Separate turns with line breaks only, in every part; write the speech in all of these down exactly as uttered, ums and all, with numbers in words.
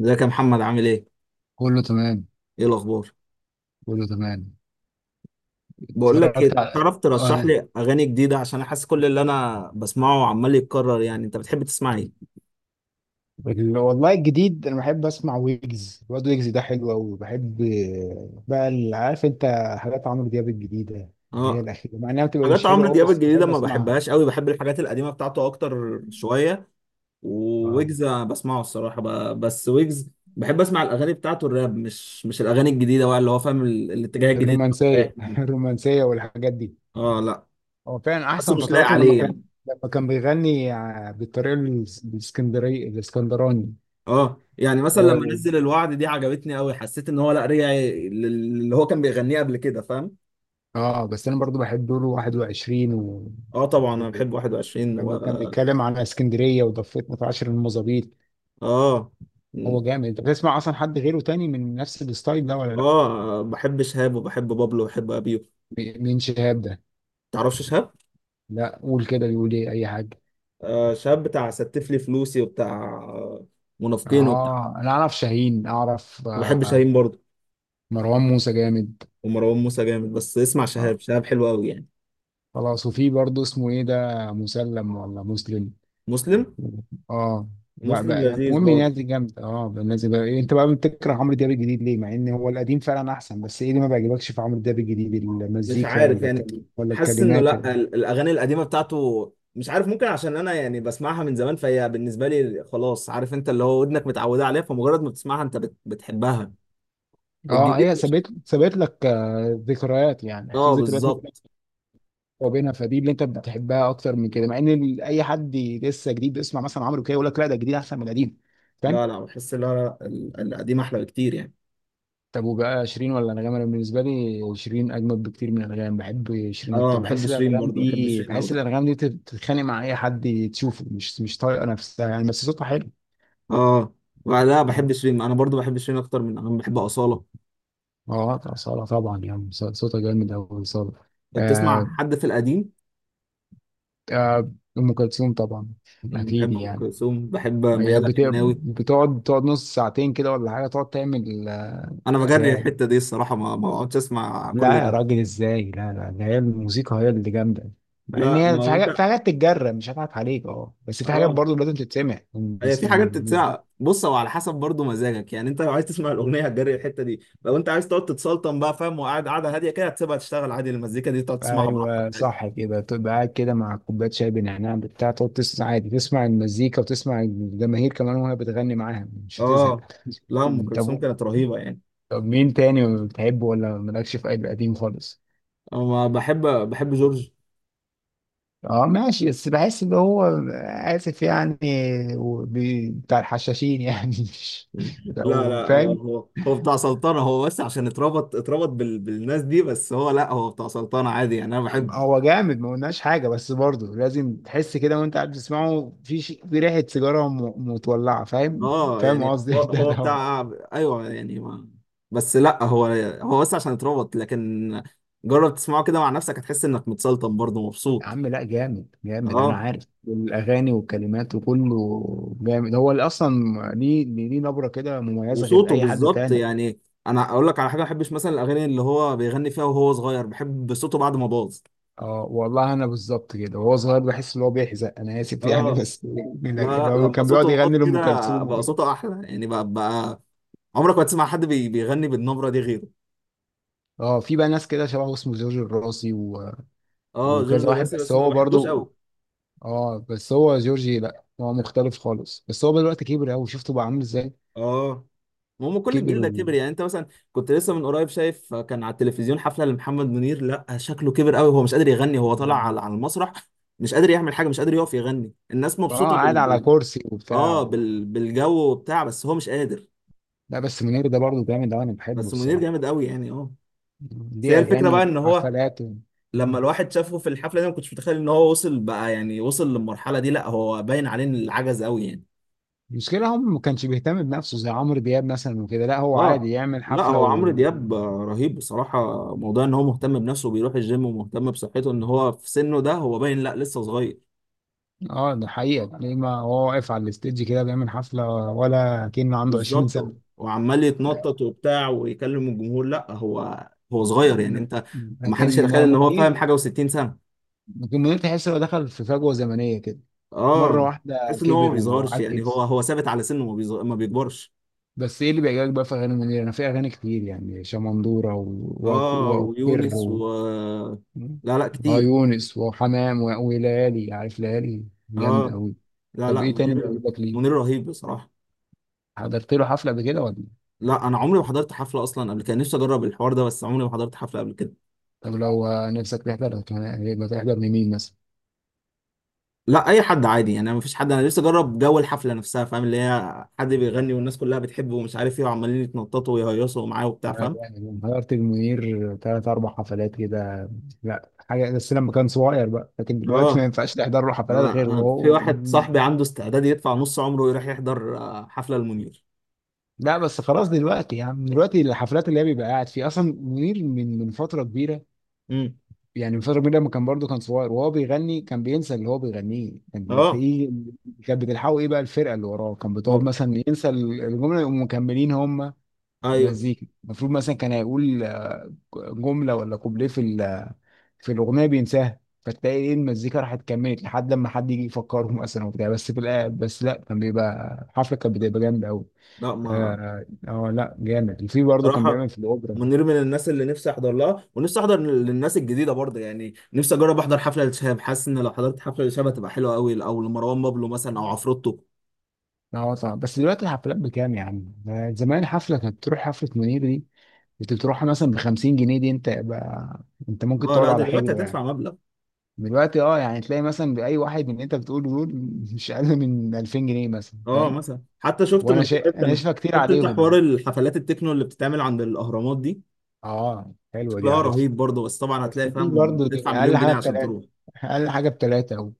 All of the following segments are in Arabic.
ازيك يا محمد، عامل ايه؟
كله تمام.
ايه الاخبار؟
كله تمام.
بقول لك ايه،
اتفرجت على
تعرف ترشح
آه،
لي اغاني جديده؟ عشان احس كل اللي انا بسمعه عمال يتكرر، يعني انت بتحب تسمع ايه؟
وال- والله الجديد، انا بحب اسمع ويجز، الواد ويجز ده حلو قوي، وبحب بقى ال- عارف انت، حاجات عمرو دياب الجديده، اللي هي
اه.
الاخيره، مع انها بتبقى مش
حاجات
حلوه
عمرو
قوي
دياب
بس
الجديده
بحب
ما
اسمعها.
بحبهاش قوي، بحب الحاجات القديمه بتاعته اكتر شويه.
اه
وويجز أنا بسمعه الصراحه، ب- بس ويجز بحب اسمع الاغاني بتاعته الراب، مش مش الاغاني الجديده بقى اللي هو فاهم ال- الاتجاه الجديد اللي هو رايح
الرومانسيه
منه.
الرومانسيه والحاجات دي.
اه، لا
هو فعلا
بس
احسن
مش لايق
فتراته لما
عليه يعني.
كان لما كان بيغني ع- بالطريقه الاس- الاسكندريه الاسكندراني.
اه يعني مثلا لما
هو
نزل الوعد دي عجبتني قوي، حسيت ان هو لا، رجع لل- اللي هو كان بيغنيه قبل كده، فاهم.
اه بس انا برضو بحب دوره واحد وعشرين و
اه طبعا انا بحب واحد وعشرين
لما
و
كان بيتكلم على اسكندريه وضفت متعشر المظابيط.
اه. م.
هو جامد. انت بتسمع اصلا حد غيره تاني من نفس الستايل ده ولا لا؟
اه بحب شهاب، وبحب بابلو، وبحب ابيو.
م- مين شهاب ده؟
تعرفش شهاب؟
لا قول كده، بيقول ايه، اي حاجه.
آه، شهاب بتاع ستف لي فلوسي، وبتاع آه، منافقين، وبتاع.
اه، انا اعرف شاهين، اعرف.
انا بحب
آه
شاهين برضه،
مروان موسى جامد.
ومروان موسى جامد، بس اسمع شهاب.
آه.
شهاب حلو قوي يعني.
خلاص. وفي برضه اسمه ايه ده، مسلم ولا مسلم؟
مسلم.
اه. بقى
مسلم
بقى يعني
لذيذ
المهم الناس
برضه.
دي جامده. اه بقى، الناس دي بقى إيه، انت بقى بتكره عمرو دياب الجديد ليه مع ان هو القديم فعلا احسن؟ بس ايه اللي ما بيعجبكش في عمرو دياب الجديد،
مش
المزيكا
عارف
ولا
يعني.
الكل- ولا
حاسس انه
الكلمات ولا...
لا، ال- الاغاني القديمه بتاعته، مش عارف، ممكن عشان انا يعني بسمعها من زمان، فهي بالنسبه لي خلاص، عارف انت، اللي هو ودنك متعوده عليها، فمجرد ما بتسمعها انت بت... بتحبها.
اه
الجديد
هي
مش.
سابت سابت لك آه، ذكريات، يعني في
اه
ذكريات ما
بالظبط.
بينك وبينها، فدي اللي انت بتحبها اكتر من كده. مع ان ال- اي حد لسه جديد بيسمع مثلا عمرو كده يقول لك لا ده جديد احسن من القديم، فاهم.
لا لا بحس، لا لا، ال- القديم احلى بكتير يعني.
طب وبقى شيرين ولا انغام؟ انا بالنسبه لي شيرين اجمد بكتير من انغام، بحب شيرين
اه
اكتر،
بحب
بحس ان
شيرين
الانغام
برضو، بحب
دي
شيرين قوي.
بحس ان الانغام دي بتتخانق مع اي حد تشوفه، مش مش طايقه نفسها يعني، بس صوتها حلو.
اه. لا
اه.
بحب شيرين، انا برضو بحب شيرين اكتر من، انا بحب اصاله.
اه صالة طبعا، يعني صوتها جامد قوي صالة.
طب
آه،
تسمع حد في القديم؟
آه، ام كلثوم طبعا.
أنا
اكيد
بحب ام
يعني.
كلثوم، بحب
هي
ميادة
بت-
الحناوي.
بتقعد تقعد نص ساعتين كده، ولا حاجة تقعد تعمل.
انا بجري
آه،
الحته دي الصراحه، ما ما بقعدش اسمع
لا
كل
يا
ده.
راجل ازاي، لا لا، ده هي الموسيقى هي اللي جامدة. مع ان
لا ما
هي في
هو
حاجات في
انت.
حاجات تتجرب مش هضحك عليك، اه، بس في حاجات
اه
برضه لازم تتسمع
هي
المس-
في حاجات
المس-
تتسمع، بص هو على حسب برضو مزاجك، يعني انت لو عايز تسمع الاغنيه هتجري الحته دي، لو انت عايز تقعد تتسلطن بقى، فاهم، وقاعد قاعده هاديه كده، هتسيبها تشتغل عادي، المزيكا دي تقعد تسمعها براحتك
ايوه
عادي.
صح كده، تبقى قاعد كده مع كوباية شاي بنعناع بتاع، تقعد تسمع عادي، تسمع المزيكا وتسمع الجماهير كمان وهي بتغني معاها، مش هتزهق.
اه، لا ام كلثوم
طب،
كانت رهيبه يعني.
طب مين تاني بتحبه، ولا مالكش في أي قديم خالص؟
انا بحب بحب جورج.
اه ماشي، بس بحس ان هو اسف يعني، وبي- بتاع الحشاشين يعني مش
لا
لو
لا، هو
فاهم.
هو هو بتاع سلطنه، هو بس عشان اتربط، اتربط بال... بالناس دي، بس هو لا، هو بتاع سلطنه عادي يعني، انا بحب.
هو جامد ما قلناش حاجه، بس برضه لازم تحس كده وانت قاعد بتسمعه في ش- في ريحه سيجاره م- متولعه، فاهم.
اه
فاهم
يعني
قصدي
هو
ده
هو
ده هو.
بتاع. ايوه يعني ما، بس لا هو، هو بس عشان اتربط، لكن جرب تسمعه كده مع نفسك، هتحس انك متسلطن برضه
يا
مبسوط.
عم لا، جامد جامد، انا
اه،
عارف، والاغاني والكلمات وكله جامد، هو اللي اصلا ليه، ليه ليه نبره كده مميزه غير
وصوته
اي حد
بالظبط
تاني.
يعني. انا اقول لك على حاجه، ما بحبش مثلا الاغاني اللي هو بيغني فيها وهو صغير، بحب صوته بعد ما باظ.
اه والله انا بالظبط كده، وهو صغير بحس ان هو بيحزق، انا اسف يعني،
اه،
بس من
لا
أجل- يعني
لا
هو
لما
كان بيقعد
صوته باظ
يغني لام
كده،
كلثوم
بقى
وكده.
صوته احلى يعني، بقى, بقى عمرك ما تسمع حد بي- بيغني بالنبره دي غيره.
اه في بقى ناس كده شبهه، اسمه جورج الراسي و...
اه جورج
وكذا واحد،
الراسي
بس
بس ما
هو
بحبوش
برضو.
قوي.
اه بس هو جورجي، لا هو مختلف خالص، بس هو دلوقتي كبر قوي، شفته بقى عامل ازاي.
اه، ما هم كل
كبر
الجيل ده
و...
كبر يعني. انت مثلا كنت لسه من قريب شايف، كان على التلفزيون حفله لمحمد منير، لا شكله كبر قوي، هو مش قادر يغني، هو طالع على على المسرح، مش قادر يعمل حاجه، مش قادر يقف يغني، الناس
اه
مبسوطه
قاعد
بال,
على
بال...
كرسي وبتاع
اه
و...
بال... بالجو وبتاع، بس هو مش قادر.
لا بس منير ده برضو جامد أوي، انا بحبه
بس منير
الصراحه،
جامد قوي يعني، اه. بس هي
ليه
الفكره
اغاني
بقى ان هو،
وحفلات.
لما الواحد شافه في الحفله دي، ما كنتش متخيل ان هو وصل بقى يعني، وصل للمرحله دي، لا هو باين عليه ان العجز قوي يعني.
المشكلة هم ما كانش بيهتم بنفسه زي عمرو دياب مثلا وكده، لا هو عادي
اه،
يعمل
لا
حفلة
هو
و...
عمرو دياب آه، رهيب بصراحة. موضوع ان هو مهتم بنفسه، بيروح الجيم ومهتم بصحته، ان هو في سنه ده هو باين لا، لسه صغير.
اه ده حقيقة، ليه ما هو واقف على الستيج كده بيعمل حفلة ولا كأنه عنده عشرين سنة.
بالظبط، وعمال
ب-
يتنطط وبتاع، ويكلم الجمهور، لا هو هو صغير يعني، انت ما
لكن
حدش يتخيل ان هو، فاهم
منير،
حاجة، و60 سنة.
لكن منير تحس انه دخل في فجوة زمنية كده، مرة
اه،
واحدة
تحس ان هو ما
كبر
بيصغرش يعني، هو
وعجز.
هو ثابت على سنه، ما بيصغ... ما بيكبرش.
بس ايه اللي بيعجبك بقى في اغاني منير؟ انا في اغاني كتير يعني شمندورة و- و-
اه،
واقر.
ويونس و،
مم.
لا لا
اه
كتير.
يونس وحمام و- وليالي، عارف ليالي جامدة
اه،
أوي.
لا
طب
لا
إيه تاني
منير،
بيعجبك لك
منير
ليه؟
رهيب بصراحة.
حضرت له حفلة قبل كده ولا؟
لا انا عمري ما حضرت حفله اصلا قبل كده، نفسي اجرب الحوار ده، بس عمري ما حضرت حفله قبل كده.
طب لو آه، نفسك تحضر كان- يبقى تحضر لمين مثلا؟
لا اي حد عادي يعني، ما فيش حد، انا نفسي اجرب جو الحفله نفسها، فاهم، اللي هي حد بيغني والناس كلها بتحبه ومش عارف ايه، وعمالين يتنططوا ويهيصوا معاه وبتاع،
لا
فاهم.
يعني حضرت المنير تلات أربع حفلات كده. لا حاجة، بس لما كان صغير بقى، لكن دلوقتي ما
اه،
ينفعش تحضر له
أنا-
حفلات غير
أنا في
وهو...
واحد صاحبي عنده استعداد يدفع نص عمره ويروح يحضر آه، حفله المنير.
لا بس خلاص دلوقتي، يعني دلوقتي الحفلات اللي هي بيبقى قاعد فيها أصلا منير من من فترة كبيرة.
امم.
يعني مصطفى غريب لما كان برضه كان صغير وهو بيغني كان بينسى اللي هو بيغنيه، كان
اه،
تلاقيه كانت بتلحقه ايه بقى الفرقه اللي وراه، كان بتقعد
ما-
مثلا ينسى الجمله يقوموا مكملين هم
ايوه
مزيكا المفروض. مثلا كان هيقول جمله ولا كوبليه في ال- في الاغنيه بينساها، فتلاقي ايه المزيكا راحت كملت لحد لما حد يجي يفكره مثلا وبتاع. بس في الآ- بس لا، كان بيبقى الحفله، كانت بتبقى جامده قوي.
لا ما،
اه آه، لا جامد، وفي برضه كان
صراحة
بيعمل في الاوبرا.
منير من الناس اللي نفسي احضر لها، ونفسي احضر للناس الجديده برضه يعني، نفسي اجرب احضر حفله لشهاب، حاسس ان لو حضرت حفله لشهاب هتبقى حلوه قوي، او لمروان بابلو مثلا، او عفروتو.
اه طبعا، بس دلوقتي الحفلات بكام يا عم؟ ده زمان حفلة، كانت تروح حفلة منير دي، كنت بتروح مثلا ب خمسين جنيه. دي انت بقى، انت ممكن
اه
تقعد
لا،
على
دلوقتي
حجره
هتدفع
يعني.
مبلغ.
دلوقتي اه يعني، تلاقي مثلا بأي واحد من اللي انت بتقوله دول مش أقل من ألفين جنيه مثلا،
اه
فاهم؟
مثلا، حتى شفت
وانا
من قريب
شا... انا
كانوا،
شايفها كتير
شفت انت
عليهم
حوار
يعني.
الحفلات التكنو اللي بتتعمل عند الاهرامات دي؟
اه حلوة دي،
شكلها
عارفها.
رهيب برضه، بس طبعا هتلاقي،
بس دي
فاهم،
برضه
تدفع
دي أقل
مليون
حاجة
جنيه عشان
بتلاتة،
تروح.
أقل حاجة بتلاتة و...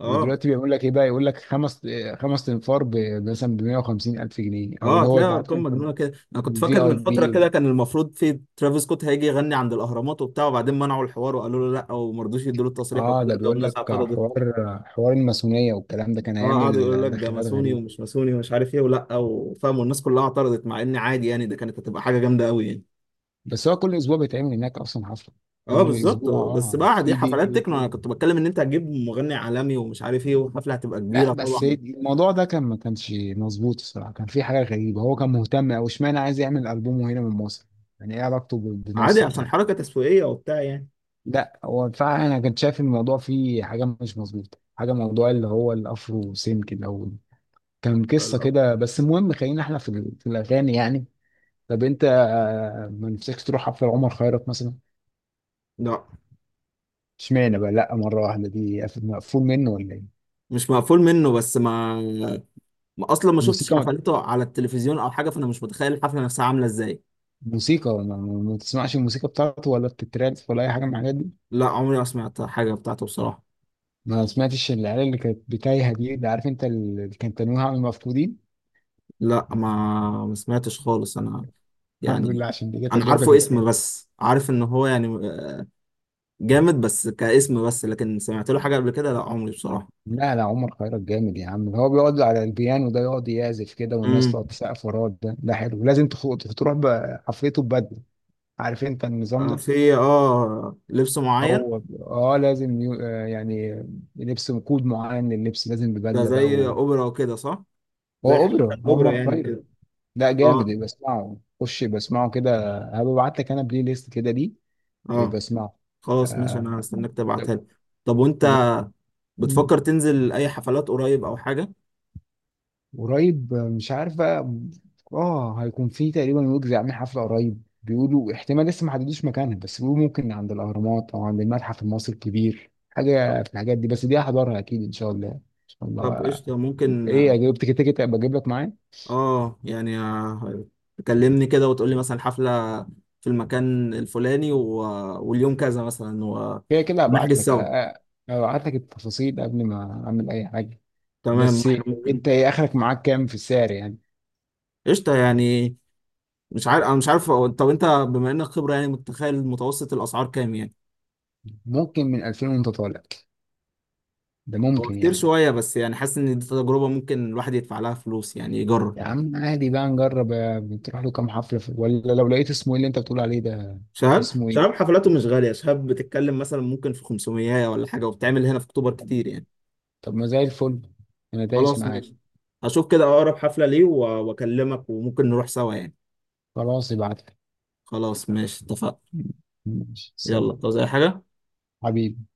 اه.
ودلوقتي بيقول لك ايه بقى، يقول لك خمس خمس تنفار ب- مثلا ب مئة وخمسين الف جنيه، او
اه،
اللي هو
هتلاقي
ده، عارف
ارقام
انت.
مجنونه كده، انا كنت
الفي
فاكر
اي
من فتره
بي.
كده، كان المفروض في ترافيس سكوت هيجي يغني عند الاهرامات وبتاع، وبعدين منعوا الحوار وقالوا له لا، وما رضوش يدوا له التصريح
اه
والكلام
ده
ده،
بيقول
والناس
لك
اعترضت.
حوار، حوار الماسونيه والكلام ده، كان
اه قعدوا يقولوا
هيعمل
لك ده
داخلات
ماسوني
غريبه.
ومش ماسوني ومش عارف ايه ولا، وفاهم، والناس كلها اعترضت، مع ان عادي يعني، ده كانت هتبقى حاجه جامده قوي يعني.
بس هو كل اسبوع بيتعمل هناك اصلا حفله.
اه
كل
بالظبط،
اسبوع
بس
اه،
بقى دي
في دي
حفلات
في
تكنو، انا
كده.
كنت بتكلم ان انت هتجيب مغني عالمي ومش عارف ايه، والحفله هتبقى كبيره
لا بس
طبعا.
الموضوع ده كان، ما كانش مظبوط الصراحه، كان في حاجه غريبه. هو كان مهتم او اشمعنى عايز يعمل البومه هنا من مصر، يعني ايه علاقته ب-
عادي،
بمصر
عشان
يعني.
حركه تسويقيه وبتاع يعني.
لا هو فعلا، انا كنت شايف الموضوع فيه حاجه مش مظبوطه، حاجه، موضوع اللي هو الافرو سينك الاول كان قصه كده. بس المهم خلينا احنا في ال- في الاغاني يعني. طب انت آه، ما نفسكش تروح حفله عمر خيرت مثلا؟
لا
اشمعنى بقى؟ لا، مره واحده دي قف- مقفول منه، ولا ايه؟
مش مقفول منه، بس ما، ما اصلا ما شفتش
الموسيقى،
حفلاته على التلفزيون او حاجه، فانا مش متخيل الحفله نفسها عامله ازاي.
موسيقى ما, ما ما تسمعش الموسيقى بتاعته، ولا بتترانس، ولا اي حاجه من الحاجات دي؟
لا عمري ما سمعت حاجه بتاعته بصراحه.
ما سمعتش العيال اللي كانت بتايهه دي، اللي عارف انت، اللي كانت تنويها عن المفقودين؟
لا ما، ما سمعتش خالص انا
الحمد
يعني.
لله، عشان دي كانت
انا
هتجيب لك
عارفه اسم،
اكتئاب.
بس عارف ان هو يعني جامد، بس كاسم بس، لكن سمعت له حاجه قبل كده، لا عمري بصراحه.
لا لا، عمر خيرت جامد يا عم، هو بيقعد على البيانو ده يقعد يعزف كده، والناس
امم.
تقعد تسقف وراه، ده ده حلو. لازم تخ- تروح بقى حفلته ببدله، عارف انت النظام
آه،
ده.
في اه لبس معين؟
هو، اه لازم يو- آه، يعني لبس كود معين للبس، لازم
ده
ببدله بقى
زي
و...
اوبرا وكده صح؟
هو
زي حفلة
اوبرا
الاوبرا
عمر
يعني
خيرت.
وكده.
لا جامد،
اه.
يبقى اسمعه، خش يبقى اسمعه كده، هبعت لك انا بلاي ليست كده دي،
اه،
يبقى اسمعه.
خلاص ماشي،
آه...
انا هستناك
طب.
تبعتها لي. طب
طب
وانت،
و... مم.
بتفكر تنزل اي حفلات قريب او حاجه؟
قريب آه، مش عارف بقى. اه هيكون في تقريبا ويجز عامل حفله قريب، بيقولوا احتمال لسه ما حددوش مكانها، بس بيقولوا ممكن عند الاهرامات او عند المتحف المصري الكبير، حاجه في الحاجات دي. بس دي هحضرها اكيد ان شاء الله ان شاء
طب
الله.
قشطة ممكن.
ايه يعني، جبت كده كده ابقى اجيب لك معايا.
اه يعني، آه، تكلمني كده وتقولي مثلا حفلة في المكان الفلاني و، واليوم كذا مثلا و،
كده كده هبعت
ونحجز
لك.
سوا.
آه، آه، هبعت لك التفاصيل قبل ما اعمل اي حاجه.
تمام،
بس
احنا ممكن.
انت ايه اخرك، معاك كام في السعر يعني؟
قشطة يعني. مش عارف، انا مش عارف، هو- طب انت بما انك خبرة يعني، متخيل متوسط الاسعار كام يعني؟
ممكن من ألفين وانت طالع، ده
هو
ممكن
كتير
يعني.
شوية، بس يعني حاسس ان دي تجربة ممكن الواحد يدفع لها فلوس يعني، يجرب.
يا عم عادي بقى، نجرب آه، بتروح له كام حفله في... ولا لو لقيت اسمه ايه اللي انت بتقول عليه ده؟
شهاب
اسمه ايه؟
شهاب حفلاته مش غالية، شهاب بتتكلم مثلا ممكن في خمسمية ولا حاجة، وبتعمل هنا في اكتوبر كتير يعني.
طب ما زي الفل، انا دايس
خلاص
معاك.
ماشي، هشوف كده اقرب حفلة ليه و- واكلمك، وممكن نروح سوا يعني.
خلاص ابعت لك.
خلاص ماشي اتفقنا.
ماشي سلام
يلا، عاوز اي حاجة؟
حبيبي.